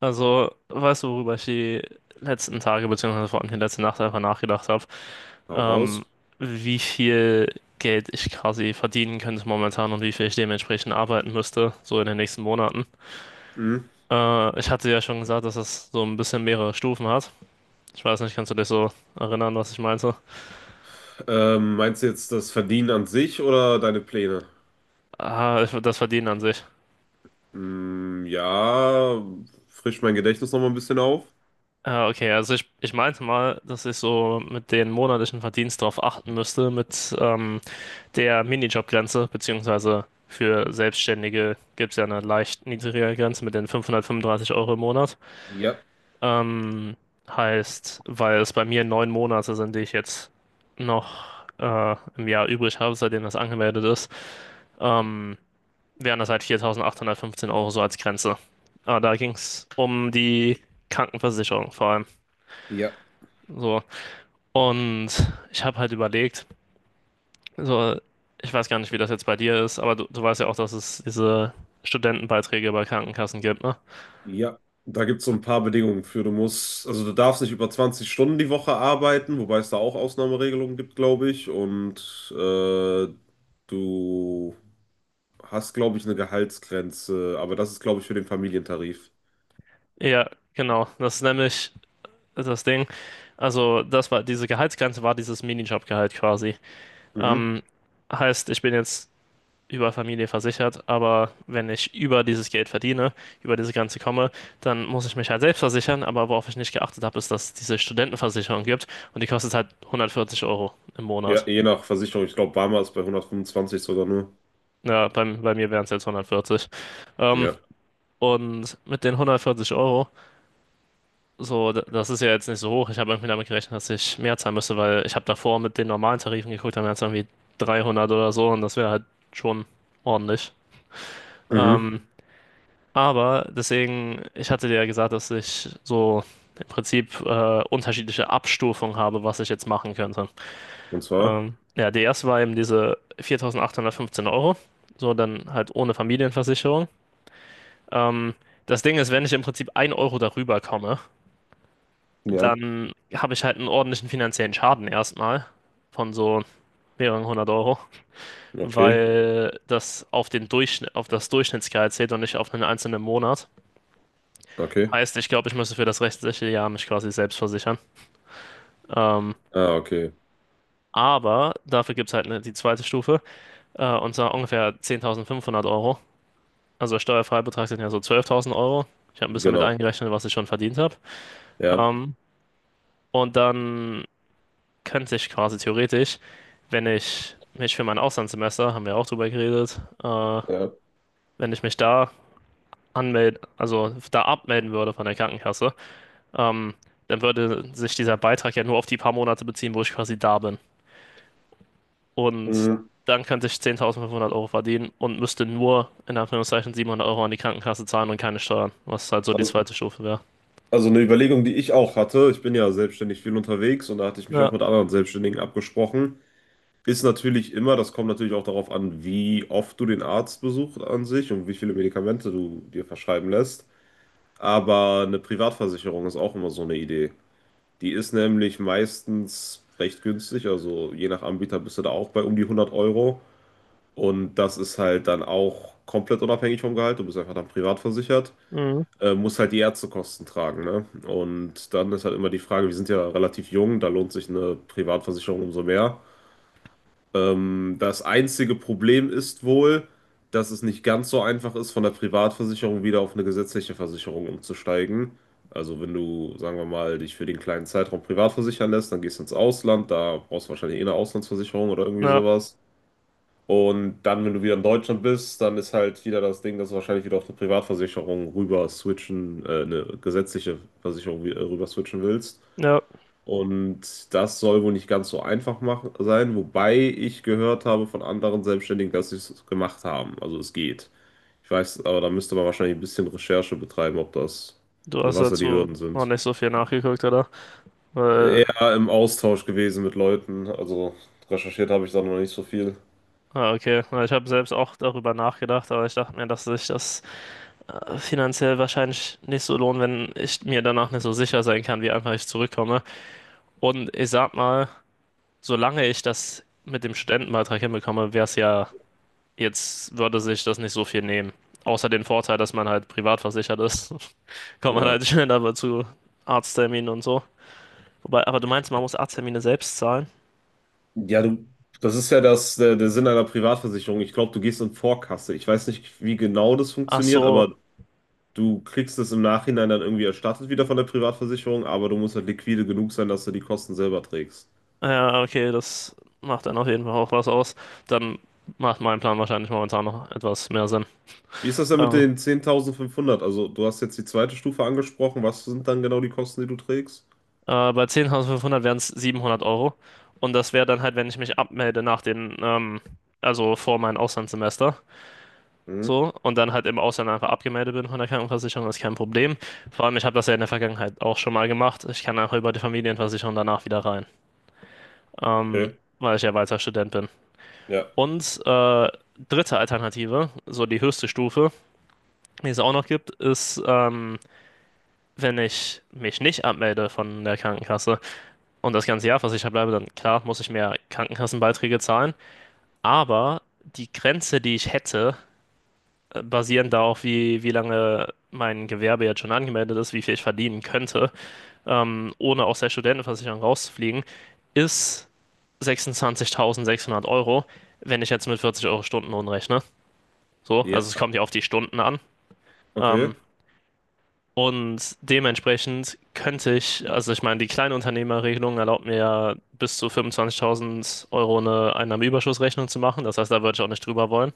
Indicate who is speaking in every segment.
Speaker 1: Also, weißt du, worüber ich die letzten Tage, beziehungsweise vor allem die letzte Nacht einfach nachgedacht habe?
Speaker 2: Hau
Speaker 1: Ähm,
Speaker 2: raus.
Speaker 1: Wie viel Geld ich quasi verdienen könnte momentan und wie viel ich dementsprechend arbeiten müsste, so in den nächsten Monaten.
Speaker 2: Hm.
Speaker 1: Ich hatte ja schon gesagt, dass das so ein bisschen mehrere Stufen hat. Ich weiß nicht, kannst du dich so erinnern, was ich meinte?
Speaker 2: Meinst du jetzt das Verdienen an sich oder deine Pläne?
Speaker 1: Das Verdienen an sich.
Speaker 2: Hm, ja, frisch mein Gedächtnis nochmal ein bisschen auf.
Speaker 1: Okay, also ich meinte mal, dass ich so mit den monatlichen Verdienst darauf achten müsste, mit der Minijobgrenze, beziehungsweise für Selbstständige gibt es ja eine leicht niedrigere Grenze mit den 535 Euro im Monat.
Speaker 2: Ja,
Speaker 1: Ähm, Heißt, weil es bei mir 9 Monate sind, die ich jetzt noch im Jahr übrig habe, seitdem das angemeldet ist, ähm, wären das halt 4.815 Euro so als Grenze. Aber da ging es um die Krankenversicherung vor allem.
Speaker 2: ja,
Speaker 1: So. Und ich habe halt überlegt, so, ich weiß gar nicht, wie das jetzt bei dir ist, aber du weißt ja auch, dass es diese Studentenbeiträge bei Krankenkassen gibt, ne?
Speaker 2: ja. Da gibt es so ein paar Bedingungen für. Also du darfst nicht über 20 Stunden die Woche arbeiten, wobei es da auch Ausnahmeregelungen gibt, glaube ich. Und du hast, glaube ich, eine Gehaltsgrenze, aber das ist, glaube ich, für den Familientarif.
Speaker 1: Ja, genau. Das ist nämlich das Ding. Also, das war diese Gehaltsgrenze war dieses Minijobgehalt quasi.
Speaker 2: Mhm.
Speaker 1: Ähm, Heißt, ich bin jetzt über Familie versichert, aber wenn ich über dieses Geld verdiene, über diese Grenze komme, dann muss ich mich halt selbst versichern. Aber worauf ich nicht geachtet habe, ist, dass es diese Studentenversicherung gibt und die kostet halt 140 Euro im
Speaker 2: Ja,
Speaker 1: Monat.
Speaker 2: je nach Versicherung. Ich glaube, Barmer ist bei 125 sogar nur.
Speaker 1: Ja, bei mir wären es jetzt 140. Ähm,
Speaker 2: Ja.
Speaker 1: und mit den 140 Euro, so, das ist ja jetzt nicht so hoch. Ich habe irgendwie damit gerechnet, dass ich mehr zahlen müsste, weil ich habe davor mit den normalen Tarifen geguckt, dann wären es irgendwie 300 oder so und das wäre halt schon ordentlich.
Speaker 2: Mhm.
Speaker 1: Ähm, aber deswegen, ich hatte dir ja gesagt, dass ich so im Prinzip unterschiedliche Abstufungen habe, was ich jetzt machen könnte.
Speaker 2: Und zwar?
Speaker 1: Ja, die erste war eben diese 4.815 Euro, so dann halt ohne Familienversicherung. Ähm, Das Ding ist, wenn ich im Prinzip ein Euro darüber komme,
Speaker 2: Ja,
Speaker 1: dann habe ich halt einen ordentlichen finanziellen Schaden erstmal von so mehreren hundert Euro,
Speaker 2: okay,
Speaker 1: weil das auf den Durchschnitt, auf das Durchschnittsgehalt zählt und nicht auf einen einzelnen Monat.
Speaker 2: okay.
Speaker 1: Heißt, ich glaube, ich müsste für das restliche Jahr mich quasi selbst versichern. Ähm,
Speaker 2: Ah, okay,
Speaker 1: aber dafür gibt es halt die zweite Stufe, und zwar ungefähr 10.500 Euro. Also Steuerfreibetrag sind ja so 12.000 Euro. Ich habe ein bisschen mit
Speaker 2: genau.
Speaker 1: eingerechnet, was ich schon verdient habe.
Speaker 2: Ja,
Speaker 1: Ähm, und dann könnte ich quasi theoretisch, wenn ich mich für mein Auslandssemester, haben wir auch drüber geredet,
Speaker 2: ja,
Speaker 1: wenn ich mich da anmelden, also da abmelden würde von der Krankenkasse, ähm, dann würde sich dieser Beitrag ja nur auf die paar Monate beziehen, wo ich quasi da bin. Und
Speaker 2: mhm.
Speaker 1: dann könnte ich 10.500 Euro verdienen und müsste nur in Anführungszeichen 700 Euro an die Krankenkasse zahlen und keine Steuern, was halt so die
Speaker 2: Also,
Speaker 1: zweite Stufe wäre.
Speaker 2: also eine Überlegung, die ich auch hatte, ich bin ja selbstständig viel unterwegs und da hatte ich mich
Speaker 1: Ja,
Speaker 2: auch mit anderen Selbstständigen abgesprochen, ist natürlich immer, das kommt natürlich auch darauf an, wie oft du den Arzt besuchst an sich und wie viele Medikamente du dir verschreiben lässt. Aber eine Privatversicherung ist auch immer so eine Idee. Die ist nämlich meistens recht günstig, also je nach Anbieter bist du da auch bei um die 100 Euro. Und das ist halt dann auch komplett unabhängig vom Gehalt. Du bist einfach dann privat versichert,
Speaker 1: mhm.
Speaker 2: musst halt die Ärztekosten tragen, ne? Und dann ist halt immer die Frage, wir sind ja relativ jung, da lohnt sich eine Privatversicherung umso mehr. Das einzige Problem ist wohl, dass es nicht ganz so einfach ist, von der Privatversicherung wieder auf eine gesetzliche Versicherung umzusteigen. Also wenn du, sagen wir mal, dich für den kleinen Zeitraum privat versichern lässt, dann gehst du ins Ausland, da brauchst du wahrscheinlich eh eine Auslandsversicherung oder irgendwie
Speaker 1: Ja,
Speaker 2: sowas. Und dann, wenn du wieder in Deutschland bist, dann ist halt wieder das Ding, dass du wahrscheinlich wieder auf eine Privatversicherung rüber switchen, eine gesetzliche Versicherung rüber switchen willst.
Speaker 1: ja,
Speaker 2: Und das soll wohl nicht ganz so einfach machen, sein, wobei ich gehört habe von anderen Selbstständigen, dass sie es gemacht haben. Also es geht. Ich weiß, aber da müsste man wahrscheinlich ein bisschen Recherche betreiben, ob das,
Speaker 1: du
Speaker 2: also
Speaker 1: hast
Speaker 2: was da die
Speaker 1: dazu
Speaker 2: Hürden
Speaker 1: noch
Speaker 2: sind.
Speaker 1: nicht so viel nachgeguckt, oder? Weil
Speaker 2: Eher im Austausch gewesen mit Leuten, also recherchiert habe ich da noch nicht so viel.
Speaker 1: Okay. Na, ich habe selbst auch darüber nachgedacht, aber ich dachte mir, dass sich das finanziell wahrscheinlich nicht so lohnt, wenn ich mir danach nicht so sicher sein kann, wie einfach ich zurückkomme. Und ich sag mal, solange ich das mit dem Studentenbeitrag hinbekomme, wäre es ja, jetzt würde sich das nicht so viel nehmen. Außer den Vorteil, dass man halt privat versichert ist, kommt man
Speaker 2: Ja.
Speaker 1: halt schneller aber zu Arztterminen und so. Wobei, aber du meinst, man muss Arzttermine selbst zahlen?
Speaker 2: Ja, du, das ist ja das, der Sinn einer Privatversicherung. Ich glaube, du gehst in Vorkasse. Ich weiß nicht, wie genau das
Speaker 1: Ach
Speaker 2: funktioniert,
Speaker 1: so.
Speaker 2: aber du kriegst es im Nachhinein dann irgendwie erstattet wieder von der Privatversicherung, aber du musst halt liquide genug sein, dass du die Kosten selber trägst.
Speaker 1: Ja, okay, das macht dann auf jeden Fall auch was aus. Dann macht mein Plan wahrscheinlich momentan noch etwas mehr Sinn.
Speaker 2: Wie ist das denn mit
Speaker 1: Ähm,
Speaker 2: den 10.500? Also, du hast jetzt die zweite Stufe angesprochen. Was sind dann genau die Kosten, die du trägst?
Speaker 1: Bei 10.500 wären es 700 Euro. Und das wäre dann halt, wenn ich mich abmelde nach den, also vor meinem Auslandssemester.
Speaker 2: Mhm,
Speaker 1: So, und dann halt im Ausland einfach abgemeldet bin von der Krankenversicherung, ist kein Problem. Vor allem, ich habe das ja in der Vergangenheit auch schon mal gemacht. Ich kann einfach über die Familienversicherung danach wieder rein, ähm,
Speaker 2: okay.
Speaker 1: weil ich ja weiter Student bin.
Speaker 2: Ja.
Speaker 1: Und dritte Alternative, so die höchste Stufe, die es auch noch gibt, ist, wenn ich mich nicht abmelde von der Krankenkasse und das ganze Jahr versichert bleibe, dann klar muss ich mehr Krankenkassenbeiträge zahlen. Aber die Grenze, die ich hätte, basierend darauf, wie lange mein Gewerbe jetzt schon angemeldet ist, wie viel ich verdienen könnte, ohne aus der Studentenversicherung rauszufliegen, ist 26.600 Euro, wenn ich jetzt mit 40 Euro Stundenlohn rechne. So,
Speaker 2: Ja,
Speaker 1: also es kommt ja auf die Stunden an.
Speaker 2: okay.
Speaker 1: Ähm, Und dementsprechend könnte ich, also ich meine, die Kleinunternehmerregelung erlaubt mir ja bis zu 25.000 Euro eine Einnahmenüberschussrechnung zu machen. Das heißt, da würde ich auch nicht drüber wollen.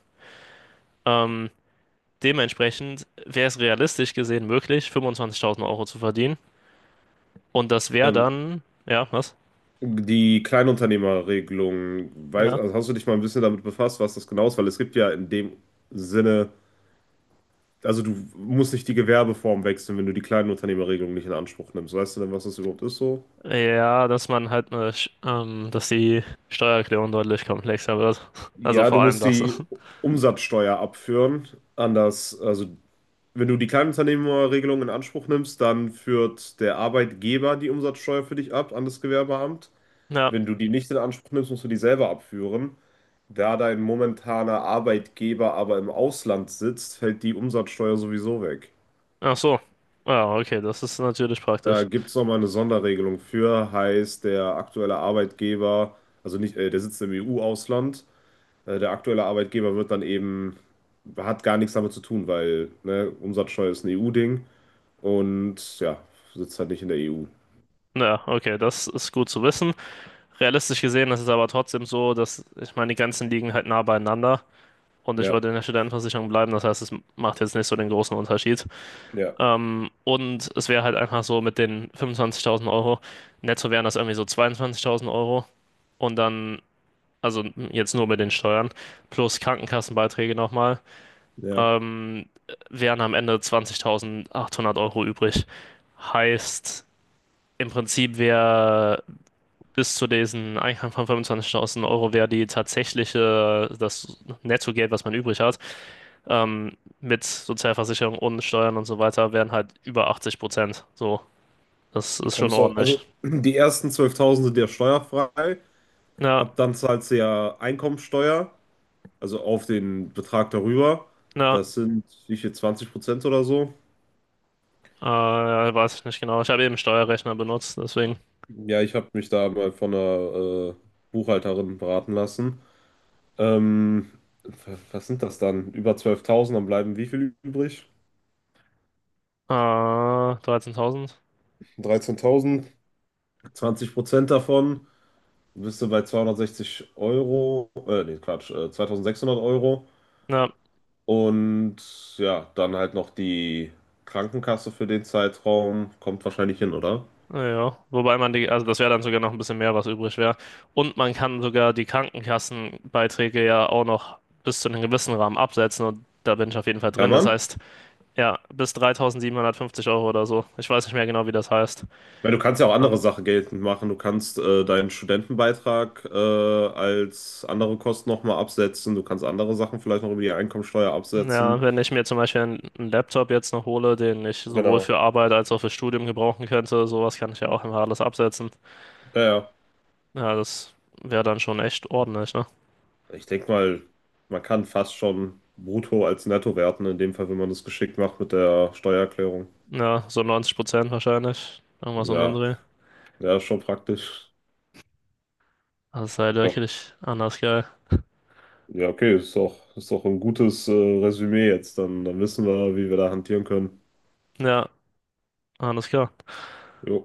Speaker 1: Ähm, Dementsprechend wäre es realistisch gesehen möglich, 25.000 Euro zu verdienen. Und das wäre
Speaker 2: Ähm,
Speaker 1: dann, ja, was?
Speaker 2: Die Kleinunternehmerregelung, weiß,
Speaker 1: Ja.
Speaker 2: also hast du dich mal ein bisschen damit befasst, was das genau ist? Weil es gibt ja in dem Sinne also du musst nicht die Gewerbeform wechseln, wenn du die Kleinunternehmerregelung nicht in Anspruch nimmst. Weißt du denn, was das überhaupt ist so?
Speaker 1: Ja, dass man halt dass die Steuererklärung deutlich komplexer wird. Also
Speaker 2: Ja, du
Speaker 1: vor allem
Speaker 2: musst
Speaker 1: das.
Speaker 2: die Umsatzsteuer abführen. Anders, also wenn du die Kleinunternehmerregelung in Anspruch nimmst, dann führt der Arbeitgeber die Umsatzsteuer für dich ab an das Gewerbeamt.
Speaker 1: Ja,
Speaker 2: Wenn du die nicht in Anspruch nimmst, musst du die selber abführen. Da dein momentaner Arbeitgeber aber im Ausland sitzt, fällt die Umsatzsteuer sowieso weg.
Speaker 1: ach so. Ja, okay, das ist natürlich
Speaker 2: Da
Speaker 1: praktisch.
Speaker 2: gibt es nochmal eine Sonderregelung für, heißt der aktuelle Arbeitgeber, also nicht, der sitzt im EU-Ausland, der aktuelle Arbeitgeber wird dann eben, hat gar nichts damit zu tun, weil ne, Umsatzsteuer ist ein EU-Ding und ja, sitzt halt nicht in der EU.
Speaker 1: Ja, okay, das ist gut zu wissen. Realistisch gesehen ist es aber trotzdem so, dass ich meine, die Grenzen liegen halt nah beieinander und ich
Speaker 2: Ja,
Speaker 1: würde in der Studentenversicherung bleiben. Das heißt, es macht jetzt nicht so den großen Unterschied.
Speaker 2: ja,
Speaker 1: Und es wäre halt einfach so mit den 25.000 Euro, netto wären das irgendwie so 22.000 Euro und dann, also jetzt nur mit den Steuern plus Krankenkassenbeiträge nochmal,
Speaker 2: ja.
Speaker 1: ähm, wären am Ende 20.800 Euro übrig. Heißt, im Prinzip wäre bis zu diesen Einkommen von 25.000 Euro wäre die tatsächliche, das Nettogeld, was man übrig hat, mit Sozialversicherung und Steuern und so weiter, wären halt über 80%. So, das
Speaker 2: Wie
Speaker 1: ist schon
Speaker 2: kommst du auf?
Speaker 1: ordentlich.
Speaker 2: Also, die ersten 12.000 sind ja steuerfrei,
Speaker 1: Ja,
Speaker 2: ab dann zahlst du ja Einkommensteuer, also auf den Betrag darüber.
Speaker 1: ja,
Speaker 2: Das sind wie viel, 20% oder so?
Speaker 1: äh, weiß ich nicht genau. Ich habe eben Steuerrechner benutzt, deswegen
Speaker 2: Ja, ich habe mich da mal von einer Buchhalterin beraten lassen. Ähm, Was sind das dann? Über 12.000? Dann bleiben wie viel übrig?
Speaker 1: 13.000.
Speaker 2: 13.000. 20% davon. Du bist du bei 260 Euro, nee, Quatsch, 2600 Euro.
Speaker 1: Ja,
Speaker 2: Und ja, dann halt noch die Krankenkasse für den Zeitraum. Kommt wahrscheinlich hin, oder?
Speaker 1: naja, wobei man also das wäre dann sogar noch ein bisschen mehr, was übrig wäre. Und man kann sogar die Krankenkassenbeiträge ja auch noch bis zu einem gewissen Rahmen absetzen und da bin ich auf jeden Fall drin.
Speaker 2: Kann
Speaker 1: Das
Speaker 2: man?
Speaker 1: heißt, ja, bis 3.750 Euro oder so. Ich weiß nicht mehr genau, wie das heißt.
Speaker 2: Ja, du kannst ja auch andere
Speaker 1: Ähm,
Speaker 2: Sachen geltend machen. Du kannst deinen Studentenbeitrag als andere Kosten nochmal absetzen. Du kannst andere Sachen vielleicht noch über die Einkommensteuer
Speaker 1: ja,
Speaker 2: absetzen.
Speaker 1: wenn ich mir zum Beispiel einen Laptop jetzt noch hole, den ich sowohl
Speaker 2: Genau.
Speaker 1: für Arbeit als auch für Studium gebrauchen könnte, sowas kann ich ja auch immer alles absetzen.
Speaker 2: Ja, ja.
Speaker 1: Ja, das wäre dann schon echt ordentlich, ne?
Speaker 2: Ich denke mal, man kann fast schon brutto als netto werten, in dem Fall, wenn man das geschickt macht mit der Steuererklärung.
Speaker 1: Ja, so 90% wahrscheinlich. Irgendwas um den
Speaker 2: Ja,
Speaker 1: Dreh.
Speaker 2: ja, ist schon praktisch.
Speaker 1: Das ist halt
Speaker 2: Ja,
Speaker 1: wirklich anders geil.
Speaker 2: ja, okay, ist doch ein gutes Resümee jetzt. Dann, dann wissen wir, wie wir da hantieren können.
Speaker 1: Ja, alles klar.
Speaker 2: Jo.